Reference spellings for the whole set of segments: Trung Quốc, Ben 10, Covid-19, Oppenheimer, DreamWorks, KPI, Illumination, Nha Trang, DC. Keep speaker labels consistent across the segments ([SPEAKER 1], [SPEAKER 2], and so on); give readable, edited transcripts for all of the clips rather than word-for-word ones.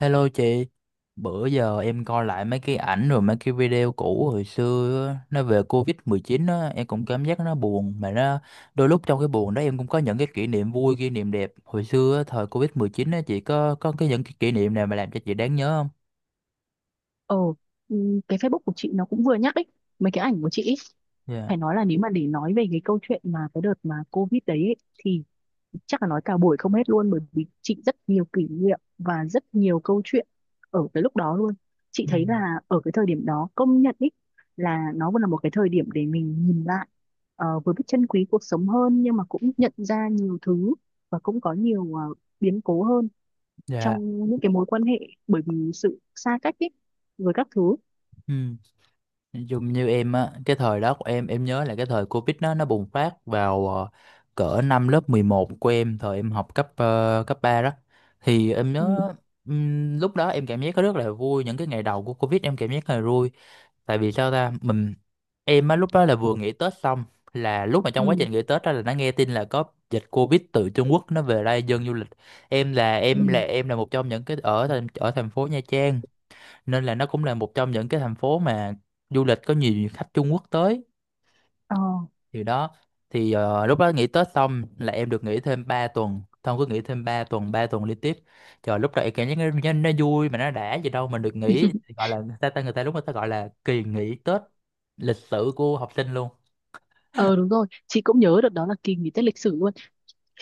[SPEAKER 1] Hello chị, bữa giờ em coi lại mấy cái ảnh rồi mấy cái video cũ hồi xưa á, nó về Covid-19 á, em cũng cảm giác nó buồn mà nó đôi lúc trong cái buồn đó em cũng có những cái kỷ niệm vui, kỷ niệm đẹp. Hồi xưa á, thời Covid-19 á chị có cái những cái kỷ niệm nào mà làm cho chị đáng nhớ không?
[SPEAKER 2] Ờ, cái Facebook của chị nó cũng vừa nhắc ấy, mấy cái ảnh của chị ấy.
[SPEAKER 1] Dạ.
[SPEAKER 2] Phải nói là nếu mà để nói về cái câu chuyện mà cái đợt mà Covid đấy ấy, thì chắc là nói cả buổi không hết luôn, bởi vì chị rất nhiều kỷ niệm và rất nhiều câu chuyện ở cái lúc đó luôn. Chị
[SPEAKER 1] Ừ.
[SPEAKER 2] thấy là ở cái thời điểm đó, công nhận ấy, là nó vẫn là một cái thời điểm để mình nhìn lại, vừa biết trân quý cuộc sống hơn nhưng mà cũng nhận ra nhiều thứ, và cũng có nhiều biến cố hơn
[SPEAKER 1] Dạ.
[SPEAKER 2] trong những cái mối quan hệ, bởi vì sự xa cách ấy với các thứ.
[SPEAKER 1] Ừ. Nói chung như em á, cái thời đó của em nhớ là cái thời Covid nó bùng phát vào cỡ năm lớp 11 của em, thời em học cấp 3 đó. Thì em
[SPEAKER 2] Ừ.
[SPEAKER 1] nhớ lúc đó em cảm giác rất là vui, những cái ngày đầu của Covid em cảm giác rất là vui. Tại vì sao ta em á lúc đó là vừa nghỉ Tết xong, là lúc mà trong
[SPEAKER 2] Ừ,
[SPEAKER 1] quá trình nghỉ Tết đó là đã nghe tin là có dịch Covid từ Trung Quốc nó về đây dân du lịch.
[SPEAKER 2] ừ.
[SPEAKER 1] Em là một trong những cái ở thành phố Nha Trang, nên là nó cũng là một trong những cái thành phố mà du lịch có nhiều khách Trung Quốc tới,
[SPEAKER 2] Ờ.
[SPEAKER 1] thì đó. Thì lúc đó nghỉ Tết xong là em được nghỉ thêm 3 tuần. Thông cứ nghỉ thêm 3 tuần, 3 tuần liên tiếp. Trời, lúc đó em cảm giác nó vui mà nó đã gì đâu, mình được nghỉ, gọi là người ta, ta người ta lúc người ta gọi là kỳ nghỉ Tết lịch sử của học sinh luôn.
[SPEAKER 2] Ờ đúng rồi, chị cũng nhớ được đó là kỳ nghỉ Tết lịch sử luôn.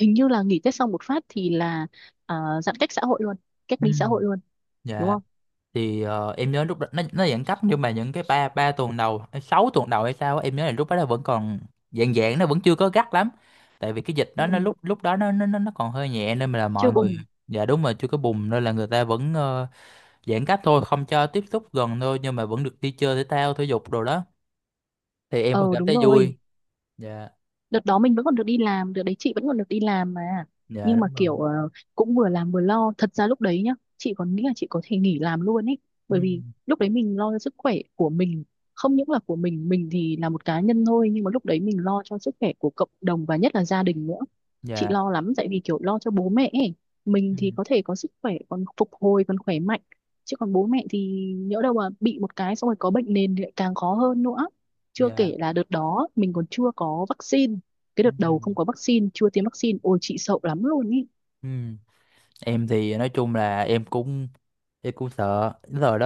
[SPEAKER 2] Hình như là nghỉ Tết xong một phát thì là, à, giãn cách xã hội luôn, cách
[SPEAKER 1] Ừ.
[SPEAKER 2] ly xã hội luôn, đúng
[SPEAKER 1] Dạ
[SPEAKER 2] không?
[SPEAKER 1] thì em nhớ lúc đó nó giãn cách, nhưng mà những cái ba ba tuần đầu hay sáu tuần đầu hay sao á, em nhớ là lúc đó nó vẫn còn dạng dạng nó vẫn chưa có gắt lắm, tại vì cái dịch
[SPEAKER 2] Ừ.
[SPEAKER 1] đó nó lúc lúc đó nó còn hơi nhẹ nên mà là
[SPEAKER 2] Chưa
[SPEAKER 1] mọi người.
[SPEAKER 2] bùng.
[SPEAKER 1] Dạ đúng rồi, chưa có bùng nên là người ta vẫn giãn cách thôi, không cho tiếp xúc gần thôi, nhưng mà vẫn được đi chơi thể thao thể dục đồ đó, thì em vẫn
[SPEAKER 2] Ờ
[SPEAKER 1] cảm
[SPEAKER 2] đúng
[SPEAKER 1] thấy
[SPEAKER 2] rồi,
[SPEAKER 1] vui. Dạ.
[SPEAKER 2] đợt đó mình vẫn còn được đi làm, đợt đấy chị vẫn còn được đi làm mà.
[SPEAKER 1] Dạ
[SPEAKER 2] Nhưng mà
[SPEAKER 1] đúng rồi.
[SPEAKER 2] kiểu cũng vừa làm vừa lo, thật ra lúc đấy nhá, chị còn nghĩ là chị có thể nghỉ làm luôn ấy,
[SPEAKER 1] Ừ.
[SPEAKER 2] bởi vì lúc đấy mình lo cho sức khỏe của mình. Không những là của mình thì là một cá nhân thôi, nhưng mà lúc đấy mình lo cho sức khỏe của cộng đồng và nhất là gia đình nữa. Chị
[SPEAKER 1] Dạ.
[SPEAKER 2] lo lắm, tại vì kiểu lo cho bố mẹ ấy. Mình
[SPEAKER 1] Ừ.
[SPEAKER 2] thì có thể có sức khỏe, còn phục hồi, còn khỏe mạnh, chứ còn bố mẹ thì nhỡ đâu mà bị một cái xong rồi có bệnh nền thì lại càng khó hơn nữa. Chưa
[SPEAKER 1] Dạ.
[SPEAKER 2] kể là đợt đó mình còn chưa có vaccine, cái
[SPEAKER 1] Ừ.
[SPEAKER 2] đợt đầu không có vaccine, chưa tiêm vaccine, ôi chị sợ lắm luôn ý.
[SPEAKER 1] Ừ. Em thì nói chung là em cũng sợ. Cái thời đó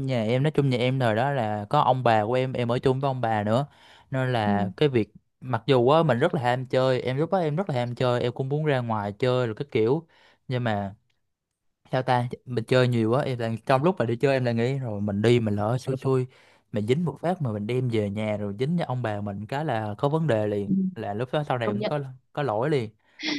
[SPEAKER 1] nhà em, nói chung nhà em thời đó là có ông bà của em ở chung với ông bà nữa, nên
[SPEAKER 2] Ừ.
[SPEAKER 1] là cái việc, mặc dù á mình rất là ham chơi, em lúc đó em rất là ham chơi, em cũng muốn ra ngoài chơi rồi cái kiểu, nhưng mà sao ta mình chơi nhiều quá. Em là trong lúc mà đi chơi em lại nghĩ rồi, mình đi mình lỡ xui xui mình dính một phát mà mình đem về nhà rồi dính cho ông bà mình cái là có vấn đề liền,
[SPEAKER 2] Ừ.
[SPEAKER 1] là lúc đó sau này
[SPEAKER 2] Công
[SPEAKER 1] em
[SPEAKER 2] nhận
[SPEAKER 1] có lỗi liền,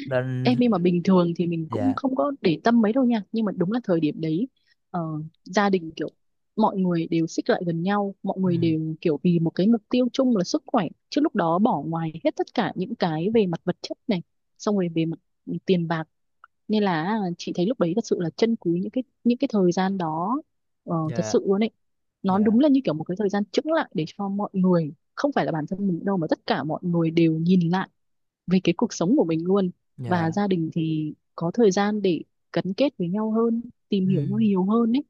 [SPEAKER 1] nên
[SPEAKER 2] em, nhưng mà bình thường thì mình cũng
[SPEAKER 1] dạ.
[SPEAKER 2] không có để tâm mấy đâu nha, nhưng mà đúng là thời điểm đấy, ờ, gia đình kiểu mọi người đều xích lại gần nhau, mọi
[SPEAKER 1] Ừ,
[SPEAKER 2] người đều kiểu vì một cái mục tiêu chung là sức khỏe, chứ lúc đó bỏ ngoài hết tất cả những cái về mặt vật chất này, xong rồi về mặt tiền bạc. Nên là à, chị thấy lúc đấy thật sự là trân quý những cái thời gian đó, thật
[SPEAKER 1] dạ.
[SPEAKER 2] sự luôn ấy. Nó
[SPEAKER 1] Dạ.
[SPEAKER 2] đúng là như kiểu một cái thời gian chững lại để cho mọi người, không phải là bản thân mình đâu, mà tất cả mọi người đều nhìn lại về cái cuộc sống của mình luôn. Và
[SPEAKER 1] Dạ.
[SPEAKER 2] gia đình thì có thời gian để gắn kết với nhau hơn, tìm
[SPEAKER 1] Ừ.
[SPEAKER 2] hiểu nhau nhiều hơn ấy,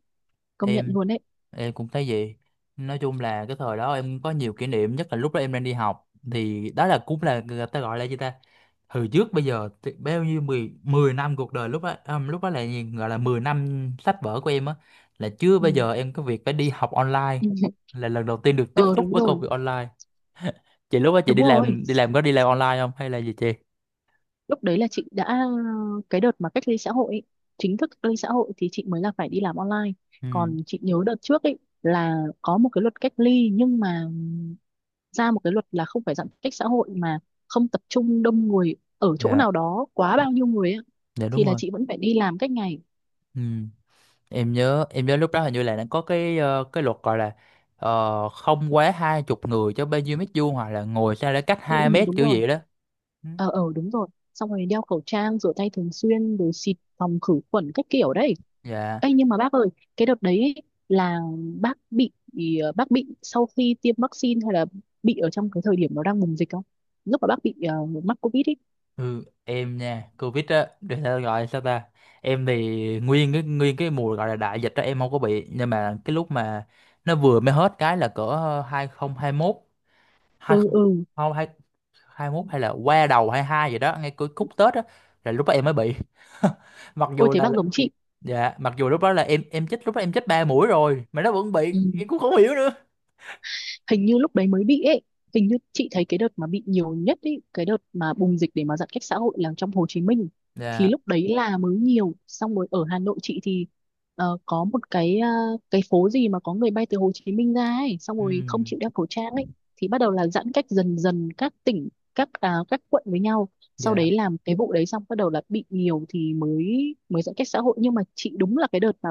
[SPEAKER 2] công nhận
[SPEAKER 1] Em
[SPEAKER 2] luôn ấy.
[SPEAKER 1] em cũng thấy vậy. Nói chung là cái thời đó em có nhiều kỷ niệm, nhất là lúc đó em đang đi học, thì đó là cũng là người ta gọi là gì ta? Hồi trước bây giờ thì bao nhiêu, 10 10 năm cuộc đời lúc đó, lúc đó là gì? Gọi là 10 năm sách vở của em á, là chưa
[SPEAKER 2] Ừ.
[SPEAKER 1] bao giờ em có việc phải đi học online, là lần đầu tiên được tiếp
[SPEAKER 2] Ờ
[SPEAKER 1] xúc
[SPEAKER 2] đúng
[SPEAKER 1] với công
[SPEAKER 2] rồi,
[SPEAKER 1] việc online. Chị lúc đó chị
[SPEAKER 2] đúng rồi,
[SPEAKER 1] đi làm có đi làm online không hay là gì chị?
[SPEAKER 2] lúc đấy là chị đã, cái đợt mà cách ly xã hội ấy, chính thức cách ly xã hội, thì chị mới là phải đi làm online.
[SPEAKER 1] Ừ.
[SPEAKER 2] Còn chị nhớ đợt trước ấy là có một cái luật cách ly, nhưng mà ra một cái luật là không phải giãn cách xã hội, mà không tập trung đông người ở chỗ
[SPEAKER 1] Dạ.
[SPEAKER 2] nào đó quá
[SPEAKER 1] Dạ
[SPEAKER 2] bao nhiêu người ấy,
[SPEAKER 1] dạ
[SPEAKER 2] thì
[SPEAKER 1] đúng
[SPEAKER 2] là
[SPEAKER 1] rồi.
[SPEAKER 2] chị vẫn phải đi làm cách ngày.
[SPEAKER 1] Ừ. Em nhớ lúc đó hình như là nó có cái luật gọi là ờ, không quá hai chục người cho bao nhiêu mét vuông, hoặc là ngồi sao để cách
[SPEAKER 2] Ừ,
[SPEAKER 1] hai
[SPEAKER 2] ừ,
[SPEAKER 1] mét
[SPEAKER 2] đúng
[SPEAKER 1] kiểu
[SPEAKER 2] rồi.
[SPEAKER 1] gì đó. Ừ,
[SPEAKER 2] Ờ, ờ, đúng rồi. Xong rồi đeo khẩu trang, rửa tay thường xuyên, rồi xịt phòng khử khuẩn các kiểu đấy.
[SPEAKER 1] dạ.
[SPEAKER 2] Ê, nhưng mà bác ơi, cái đợt đấy ấy, là bác bị bác bị sau khi tiêm vaccine, hay là bị ở trong cái thời điểm nó đang bùng dịch không? Lúc mà bác bị mắc Covid ấy.
[SPEAKER 1] Ừ, em nha covid á để sao gọi sao ta, em thì nguyên cái mùa gọi là đại dịch đó em không có bị, nhưng mà cái lúc mà nó vừa mới hết cái là cỡ 2021,
[SPEAKER 2] Ừ,
[SPEAKER 1] 20 không
[SPEAKER 2] ừ.
[SPEAKER 1] không hai, 21 hay là qua đầu 22 gì đó, ngay cuối khúc Tết á, là lúc đó em mới bị. Mặc
[SPEAKER 2] Ôi
[SPEAKER 1] dù
[SPEAKER 2] thế
[SPEAKER 1] là
[SPEAKER 2] bác giống chị.
[SPEAKER 1] dạ, mặc dù lúc đó là em chích lúc đó em chích ba mũi rồi mà nó vẫn bị,
[SPEAKER 2] Ừ.
[SPEAKER 1] em cũng không hiểu nữa.
[SPEAKER 2] Hình như lúc đấy mới bị ấy, hình như chị thấy cái đợt mà bị nhiều nhất ấy, cái đợt mà bùng dịch để mà giãn cách xã hội là trong Hồ Chí Minh, thì
[SPEAKER 1] Dạ.
[SPEAKER 2] lúc đấy là mới nhiều. Xong rồi ở Hà Nội, chị thì có một cái, cái phố gì mà có người bay từ Hồ Chí Minh ra ấy, xong
[SPEAKER 1] Ừ.
[SPEAKER 2] rồi không chịu đeo khẩu trang ấy, thì bắt đầu là giãn cách dần dần các tỉnh, các à, các quận với nhau. Sau
[SPEAKER 1] Dạ.
[SPEAKER 2] đấy làm cái vụ đấy xong, bắt đầu là bị nhiều, thì mới mới giãn cách xã hội. Nhưng mà chị đúng là cái đợt mà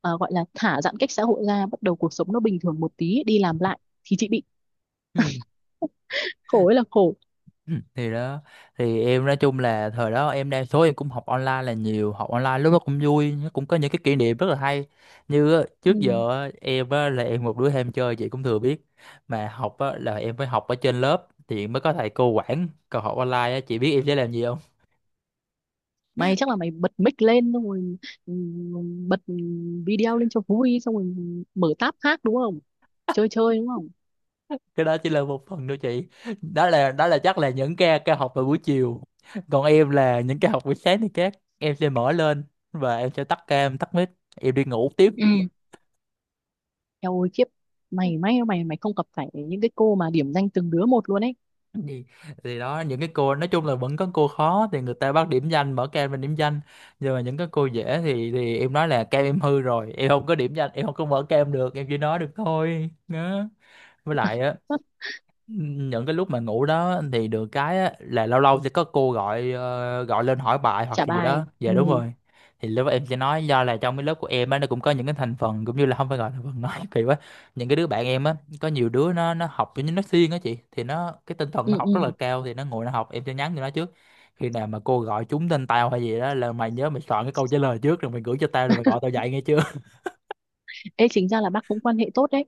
[SPEAKER 2] gọi là thả giãn cách xã hội ra, bắt đầu cuộc sống nó bình thường một tí, đi làm lại, thì chị bị,
[SPEAKER 1] Ừ.
[SPEAKER 2] khổ ấy là khổ.
[SPEAKER 1] Ừ. Thì đó, thì em nói chung là thời đó em đa số em cũng học online là nhiều, học online lúc đó cũng vui, nó cũng có những cái kỷ niệm rất là hay. Như á,
[SPEAKER 2] Ừ.
[SPEAKER 1] trước giờ á, em á, là em một đứa ham chơi chị cũng thừa biết, mà học á, là em phải học ở trên lớp thì mới có thầy cô quản, còn học online á, chị biết em sẽ làm gì.
[SPEAKER 2] Mày chắc là mày bật mic lên, xong rồi ừ, bật video lên cho vui, xong rồi mở tab khác đúng không, chơi chơi đúng không?
[SPEAKER 1] Cái đó chỉ là một phần thôi chị, đó là chắc là những ca ca học vào buổi chiều, còn em là những ca học buổi sáng thì các em sẽ mở lên và em sẽ tắt ca em tắt mic, em đi ngủ tiếp.
[SPEAKER 2] Ừ. Eo ôi khiếp, mày may mày mày không gặp phải những cái cô mà điểm danh từng đứa một luôn ấy.
[SPEAKER 1] Thì, thì đó, những cái cô nói chung là vẫn có cô khó thì người ta bắt điểm danh mở cam lên điểm danh, nhưng mà những cái cô dễ thì em nói là cam em hư rồi, em không có điểm danh, em không có mở cam được, em chỉ nói được thôi đó. Với lại á,
[SPEAKER 2] Hất,
[SPEAKER 1] những cái lúc mà ngủ đó thì được cái á, là lâu lâu sẽ có gọi lên hỏi bài hoặc
[SPEAKER 2] trả
[SPEAKER 1] cái gì đó.
[SPEAKER 2] bài, ừ.
[SPEAKER 1] Dạ đúng rồi. Thì lúc đó em sẽ nói, do là trong cái lớp của em á nó cũng có những cái thành phần, cũng như là không phải gọi là thành phần nói kỳ quá, những cái đứa bạn em á, có nhiều đứa nó học giống như nó siêng á chị, thì nó cái tinh thần
[SPEAKER 2] Ừ,
[SPEAKER 1] nó học rất là
[SPEAKER 2] ừ.
[SPEAKER 1] cao, thì nó ngồi nó học, em sẽ nhắn cho nó trước, khi nào mà cô gọi trúng tên tao hay gì đó là mày nhớ mày soạn cái câu trả lời trước rồi mày gửi cho tao rồi mày gọi tao dậy nghe chưa.
[SPEAKER 2] Ê, chính ra là bác cũng quan hệ tốt đấy,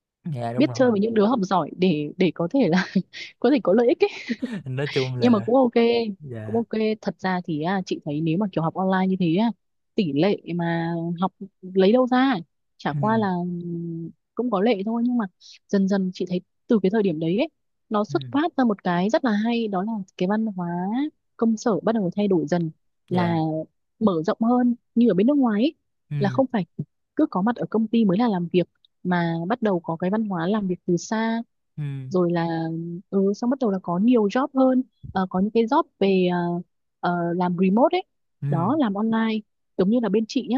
[SPEAKER 1] Dạ đúng
[SPEAKER 2] biết chơi
[SPEAKER 1] rồi,
[SPEAKER 2] với những đứa học giỏi để có thể là có thể có lợi ích.
[SPEAKER 1] nói chung
[SPEAKER 2] Nhưng mà
[SPEAKER 1] là
[SPEAKER 2] cũng ok, cũng
[SPEAKER 1] dạ.
[SPEAKER 2] ok. Thật ra thì à, chị thấy nếu mà kiểu học online như thế á, tỷ lệ mà học lấy đâu ra, chả qua
[SPEAKER 1] ừ,
[SPEAKER 2] là cũng có lệ thôi. Nhưng mà dần dần chị thấy, từ cái thời điểm đấy ấy, nó
[SPEAKER 1] ừ,
[SPEAKER 2] xuất phát ra một cái rất là hay, đó là cái văn hóa công sở bắt đầu thay đổi dần,
[SPEAKER 1] dạ.
[SPEAKER 2] là mở rộng hơn như ở bên nước ngoài ấy, là
[SPEAKER 1] ừ,
[SPEAKER 2] không phải cứ có mặt ở công ty mới là làm việc, mà bắt đầu có cái văn hóa làm việc từ xa,
[SPEAKER 1] ừ.
[SPEAKER 2] rồi là xong bắt đầu là có nhiều job hơn. Có những cái job về làm remote ấy,
[SPEAKER 1] Ừ,
[SPEAKER 2] đó, làm online. Giống như là bên chị nhá,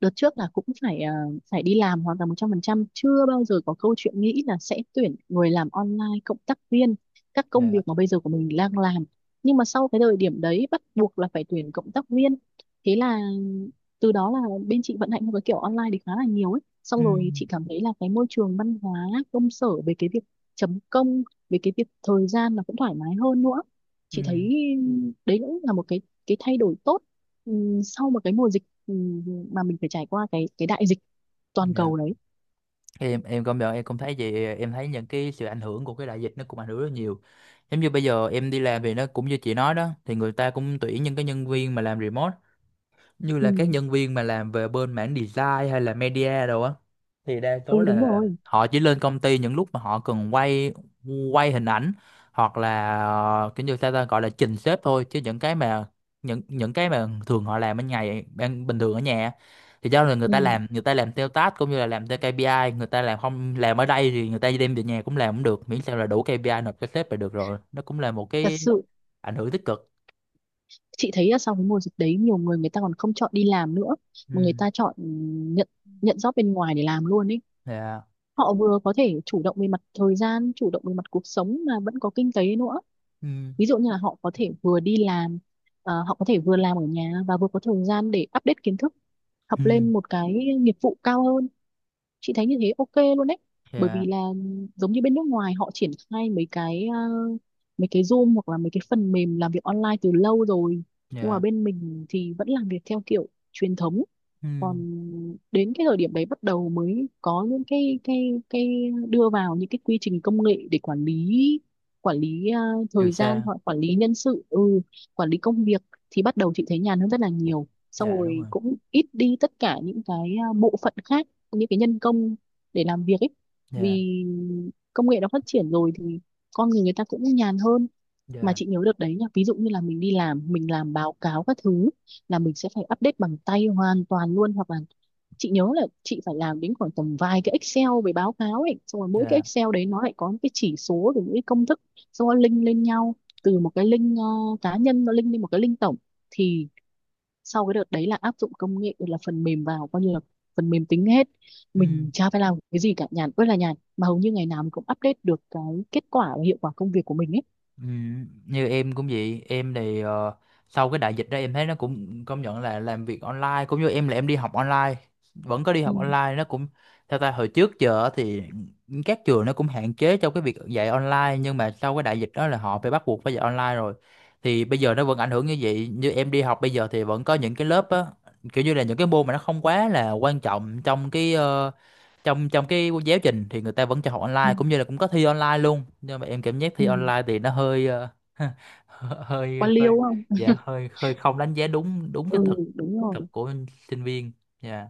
[SPEAKER 2] đợt trước là cũng phải đi làm hoàn toàn 100%, chưa bao giờ có câu chuyện nghĩ là sẽ tuyển người làm online, cộng tác viên các công
[SPEAKER 1] dạ.
[SPEAKER 2] việc mà bây giờ của mình đang làm. Nhưng mà sau cái thời điểm đấy bắt buộc là phải tuyển cộng tác viên, thế là từ đó là bên chị vận hành theo cái kiểu online thì khá là nhiều ấy.
[SPEAKER 1] Ừ,
[SPEAKER 2] Xong rồi chị cảm thấy là cái môi trường văn hóa công sở về cái việc chấm công, về cái việc thời gian là cũng thoải mái hơn nữa, chị
[SPEAKER 1] ừ,
[SPEAKER 2] thấy đấy cũng là một cái thay đổi tốt, sau một cái mùa dịch, mà mình phải trải qua cái đại dịch toàn
[SPEAKER 1] dạ.
[SPEAKER 2] cầu đấy.
[SPEAKER 1] Em công nhận em cũng thấy vậy, em thấy những cái sự ảnh hưởng của cái đại dịch nó cũng ảnh hưởng rất nhiều. Giống như bây giờ em đi làm thì nó cũng như chị nói đó, thì người ta cũng tuyển những cái nhân viên mà làm remote, như
[SPEAKER 2] Ừ,
[SPEAKER 1] là các nhân viên mà làm về bên mảng design hay là media đồ á, thì đa số Ừ.
[SPEAKER 2] ừ đúng
[SPEAKER 1] là
[SPEAKER 2] rồi.
[SPEAKER 1] họ chỉ lên công ty những lúc mà họ cần quay quay hình ảnh, hoặc là kiểu như sao ta gọi là trình xếp thôi, chứ những cái mà những cái mà thường họ làm ở bình thường ở nhà á, thì do là
[SPEAKER 2] Ừ.
[SPEAKER 1] người ta làm theo task cũng như là làm theo KPI, người ta làm không làm ở đây thì người ta đem về nhà cũng làm cũng được, miễn sao là đủ KPI nộp cho sếp là được rồi, nó cũng là một
[SPEAKER 2] Thật
[SPEAKER 1] cái
[SPEAKER 2] sự
[SPEAKER 1] ảnh hưởng tích cực.
[SPEAKER 2] chị thấy là sau cái mùa dịch đấy, nhiều người người ta còn không chọn đi làm nữa, mà người
[SPEAKER 1] Ừ.
[SPEAKER 2] ta chọn nhận nhận job bên ngoài để làm luôn ấy.
[SPEAKER 1] Yeah.
[SPEAKER 2] Họ vừa có thể chủ động về mặt thời gian, chủ động về mặt cuộc sống, mà vẫn có kinh tế nữa.
[SPEAKER 1] Ừ.
[SPEAKER 2] Ví dụ như là họ có thể vừa đi làm, họ có thể vừa làm ở nhà, và vừa có thời gian để update kiến thức, học
[SPEAKER 1] Ừ.
[SPEAKER 2] lên một cái nghiệp vụ cao hơn, chị thấy như thế ok luôn đấy. Bởi vì
[SPEAKER 1] Dạ.
[SPEAKER 2] là giống như bên nước ngoài, họ triển khai mấy cái, à, mấy cái Zoom hoặc là mấy cái phần mềm làm việc online từ lâu rồi, nhưng mà
[SPEAKER 1] Dạ.
[SPEAKER 2] bên mình thì vẫn làm việc theo kiểu truyền thống.
[SPEAKER 1] Ừ
[SPEAKER 2] Còn đến cái thời điểm đấy, bắt đầu mới có những cái cái đưa vào những cái quy trình công nghệ để quản lý, quản lý à,
[SPEAKER 1] từ
[SPEAKER 2] thời gian,
[SPEAKER 1] xa.
[SPEAKER 2] hoặc quản lý nhân sự, quản lý công việc, thì bắt đầu chị thấy nhàn hơn rất là nhiều. Xong
[SPEAKER 1] Dạ đúng
[SPEAKER 2] rồi
[SPEAKER 1] rồi.
[SPEAKER 2] cũng ít đi tất cả những cái, à, bộ phận khác, những cái nhân công để làm việc ấy.
[SPEAKER 1] Dạ.
[SPEAKER 2] Vì công nghệ nó phát triển rồi thì con người, người ta cũng nhàn hơn. Mà
[SPEAKER 1] Dạ.
[SPEAKER 2] chị nhớ được đấy nha, ví dụ như là mình đi làm, mình làm báo cáo các thứ, là mình sẽ phải update bằng tay hoàn toàn luôn. Hoặc là chị nhớ là chị phải làm đến khoảng tầm vài cái Excel về báo cáo ấy, xong rồi mỗi cái
[SPEAKER 1] Dạ.
[SPEAKER 2] Excel đấy nó lại có những cái chỉ số, rồi những cái công thức, xong rồi link lên nhau, từ một cái link cá nhân nó link lên một cái link tổng. Thì sau cái đợt đấy là áp dụng công nghệ, là phần mềm vào, coi như là phần mềm tính hết,
[SPEAKER 1] Ừ.
[SPEAKER 2] mình chả phải làm cái gì cả, nhàn ơi là nhàn, mà hầu như ngày nào mình cũng update được cái kết quả và hiệu quả công việc của mình ấy.
[SPEAKER 1] Ừ. Như em cũng vậy, em thì sau cái đại dịch đó em thấy nó cũng công nhận là làm việc online, cũng như em là em đi học online, vẫn có đi
[SPEAKER 2] Ừ.
[SPEAKER 1] học online nó cũng theo ta. Hồi trước giờ á thì các trường nó cũng hạn chế trong cái việc dạy online, nhưng mà sau cái đại dịch đó là họ phải bắt buộc phải dạy online rồi. Thì bây giờ nó vẫn ảnh hưởng như vậy, như em đi học bây giờ thì vẫn có những cái lớp á, kiểu như là những cái môn mà nó không quá là quan trọng trong trong trong cái giáo trình thì người ta vẫn cho học
[SPEAKER 2] Ừ.
[SPEAKER 1] online, cũng như là cũng có thi online luôn, nhưng mà em cảm giác thi
[SPEAKER 2] Ừ.
[SPEAKER 1] online thì nó hơi ờ, hơi
[SPEAKER 2] Quan
[SPEAKER 1] hơi
[SPEAKER 2] liêu không?
[SPEAKER 1] Dạ hơi hơi không đánh giá đúng đúng
[SPEAKER 2] Ừ,
[SPEAKER 1] cái thực
[SPEAKER 2] đúng rồi.
[SPEAKER 1] thực của sinh viên. Dạ.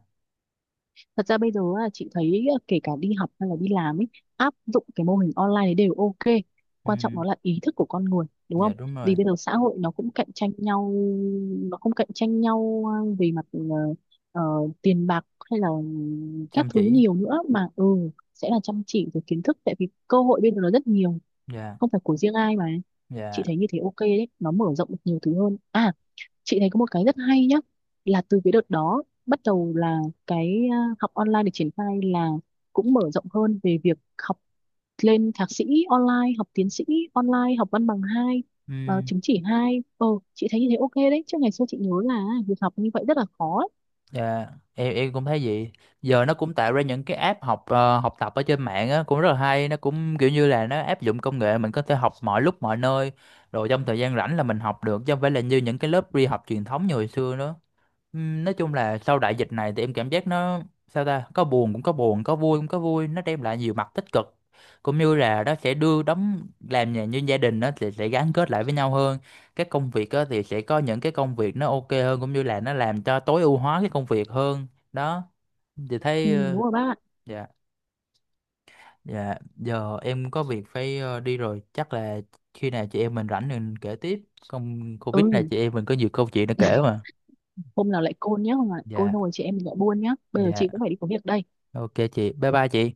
[SPEAKER 2] Thật ra bây giờ á, chị thấy á, kể cả đi học hay là đi làm ấy, áp dụng cái mô hình online đấy đều ok, quan trọng
[SPEAKER 1] Ừ,
[SPEAKER 2] nó là ý thức của con người, đúng
[SPEAKER 1] dạ
[SPEAKER 2] không?
[SPEAKER 1] đúng rồi,
[SPEAKER 2] Vì bây giờ xã hội nó cũng cạnh tranh nhau, nó không cạnh tranh nhau về mặt ờ, tiền bạc, hay là các
[SPEAKER 1] chăm
[SPEAKER 2] thứ
[SPEAKER 1] chỉ.
[SPEAKER 2] nhiều nữa, mà sẽ là chăm chỉ rồi kiến thức, tại vì cơ hội bây giờ nó rất nhiều,
[SPEAKER 1] Dạ.
[SPEAKER 2] không phải của riêng ai mà. Chị
[SPEAKER 1] Dạ.
[SPEAKER 2] thấy như thế ok đấy, nó mở rộng được nhiều thứ hơn à. Chị thấy có một cái rất hay nhá, là từ cái đợt đó bắt đầu là cái, à, học online được triển khai, là cũng mở rộng hơn về việc học, lên thạc sĩ online, học tiến sĩ online, học văn bằng hai,
[SPEAKER 1] Ừ.
[SPEAKER 2] chứng chỉ hai, chị thấy như thế ok đấy. Chứ ngày xưa chị nhớ là việc học như vậy rất là khó ấy.
[SPEAKER 1] Dạ, em cũng thấy vậy. Giờ nó cũng tạo ra những cái app học ờ, học tập ở trên mạng á cũng rất là hay, nó cũng kiểu như là nó áp dụng công nghệ, mình có thể học mọi lúc mọi nơi, rồi trong thời gian rảnh là mình học được, chứ không phải là như những cái lớp đi học truyền thống như hồi xưa nữa. Nói chung là sau đại dịch này thì em cảm giác nó, sao ta, có buồn cũng có buồn, có vui cũng có vui, nó đem lại nhiều mặt tích cực, cũng như là nó sẽ đưa đóng làm nhà, như gia đình nó sẽ gắn kết lại với nhau hơn. Các công việc á, thì sẽ có những cái công việc nó ok hơn, cũng như là nó làm cho tối ưu hóa cái công việc hơn đó. Thì
[SPEAKER 2] Ừ,
[SPEAKER 1] thấy ờ,
[SPEAKER 2] đúng rồi bác ạ.
[SPEAKER 1] dạ. Dạ giờ em có việc phải đi rồi, chắc là khi nào chị em mình rảnh mình kể tiếp, không Covid này
[SPEAKER 2] Ừ,
[SPEAKER 1] chị em mình có nhiều câu chuyện để kể mà.
[SPEAKER 2] hôm nào lại côn nhé, hôm nào lại côn
[SPEAKER 1] Dạ.
[SPEAKER 2] thôi, chị em mình lại buôn nhá, bây giờ
[SPEAKER 1] Dạ
[SPEAKER 2] chị cũng phải đi có việc đây.
[SPEAKER 1] ok chị, bye bye chị.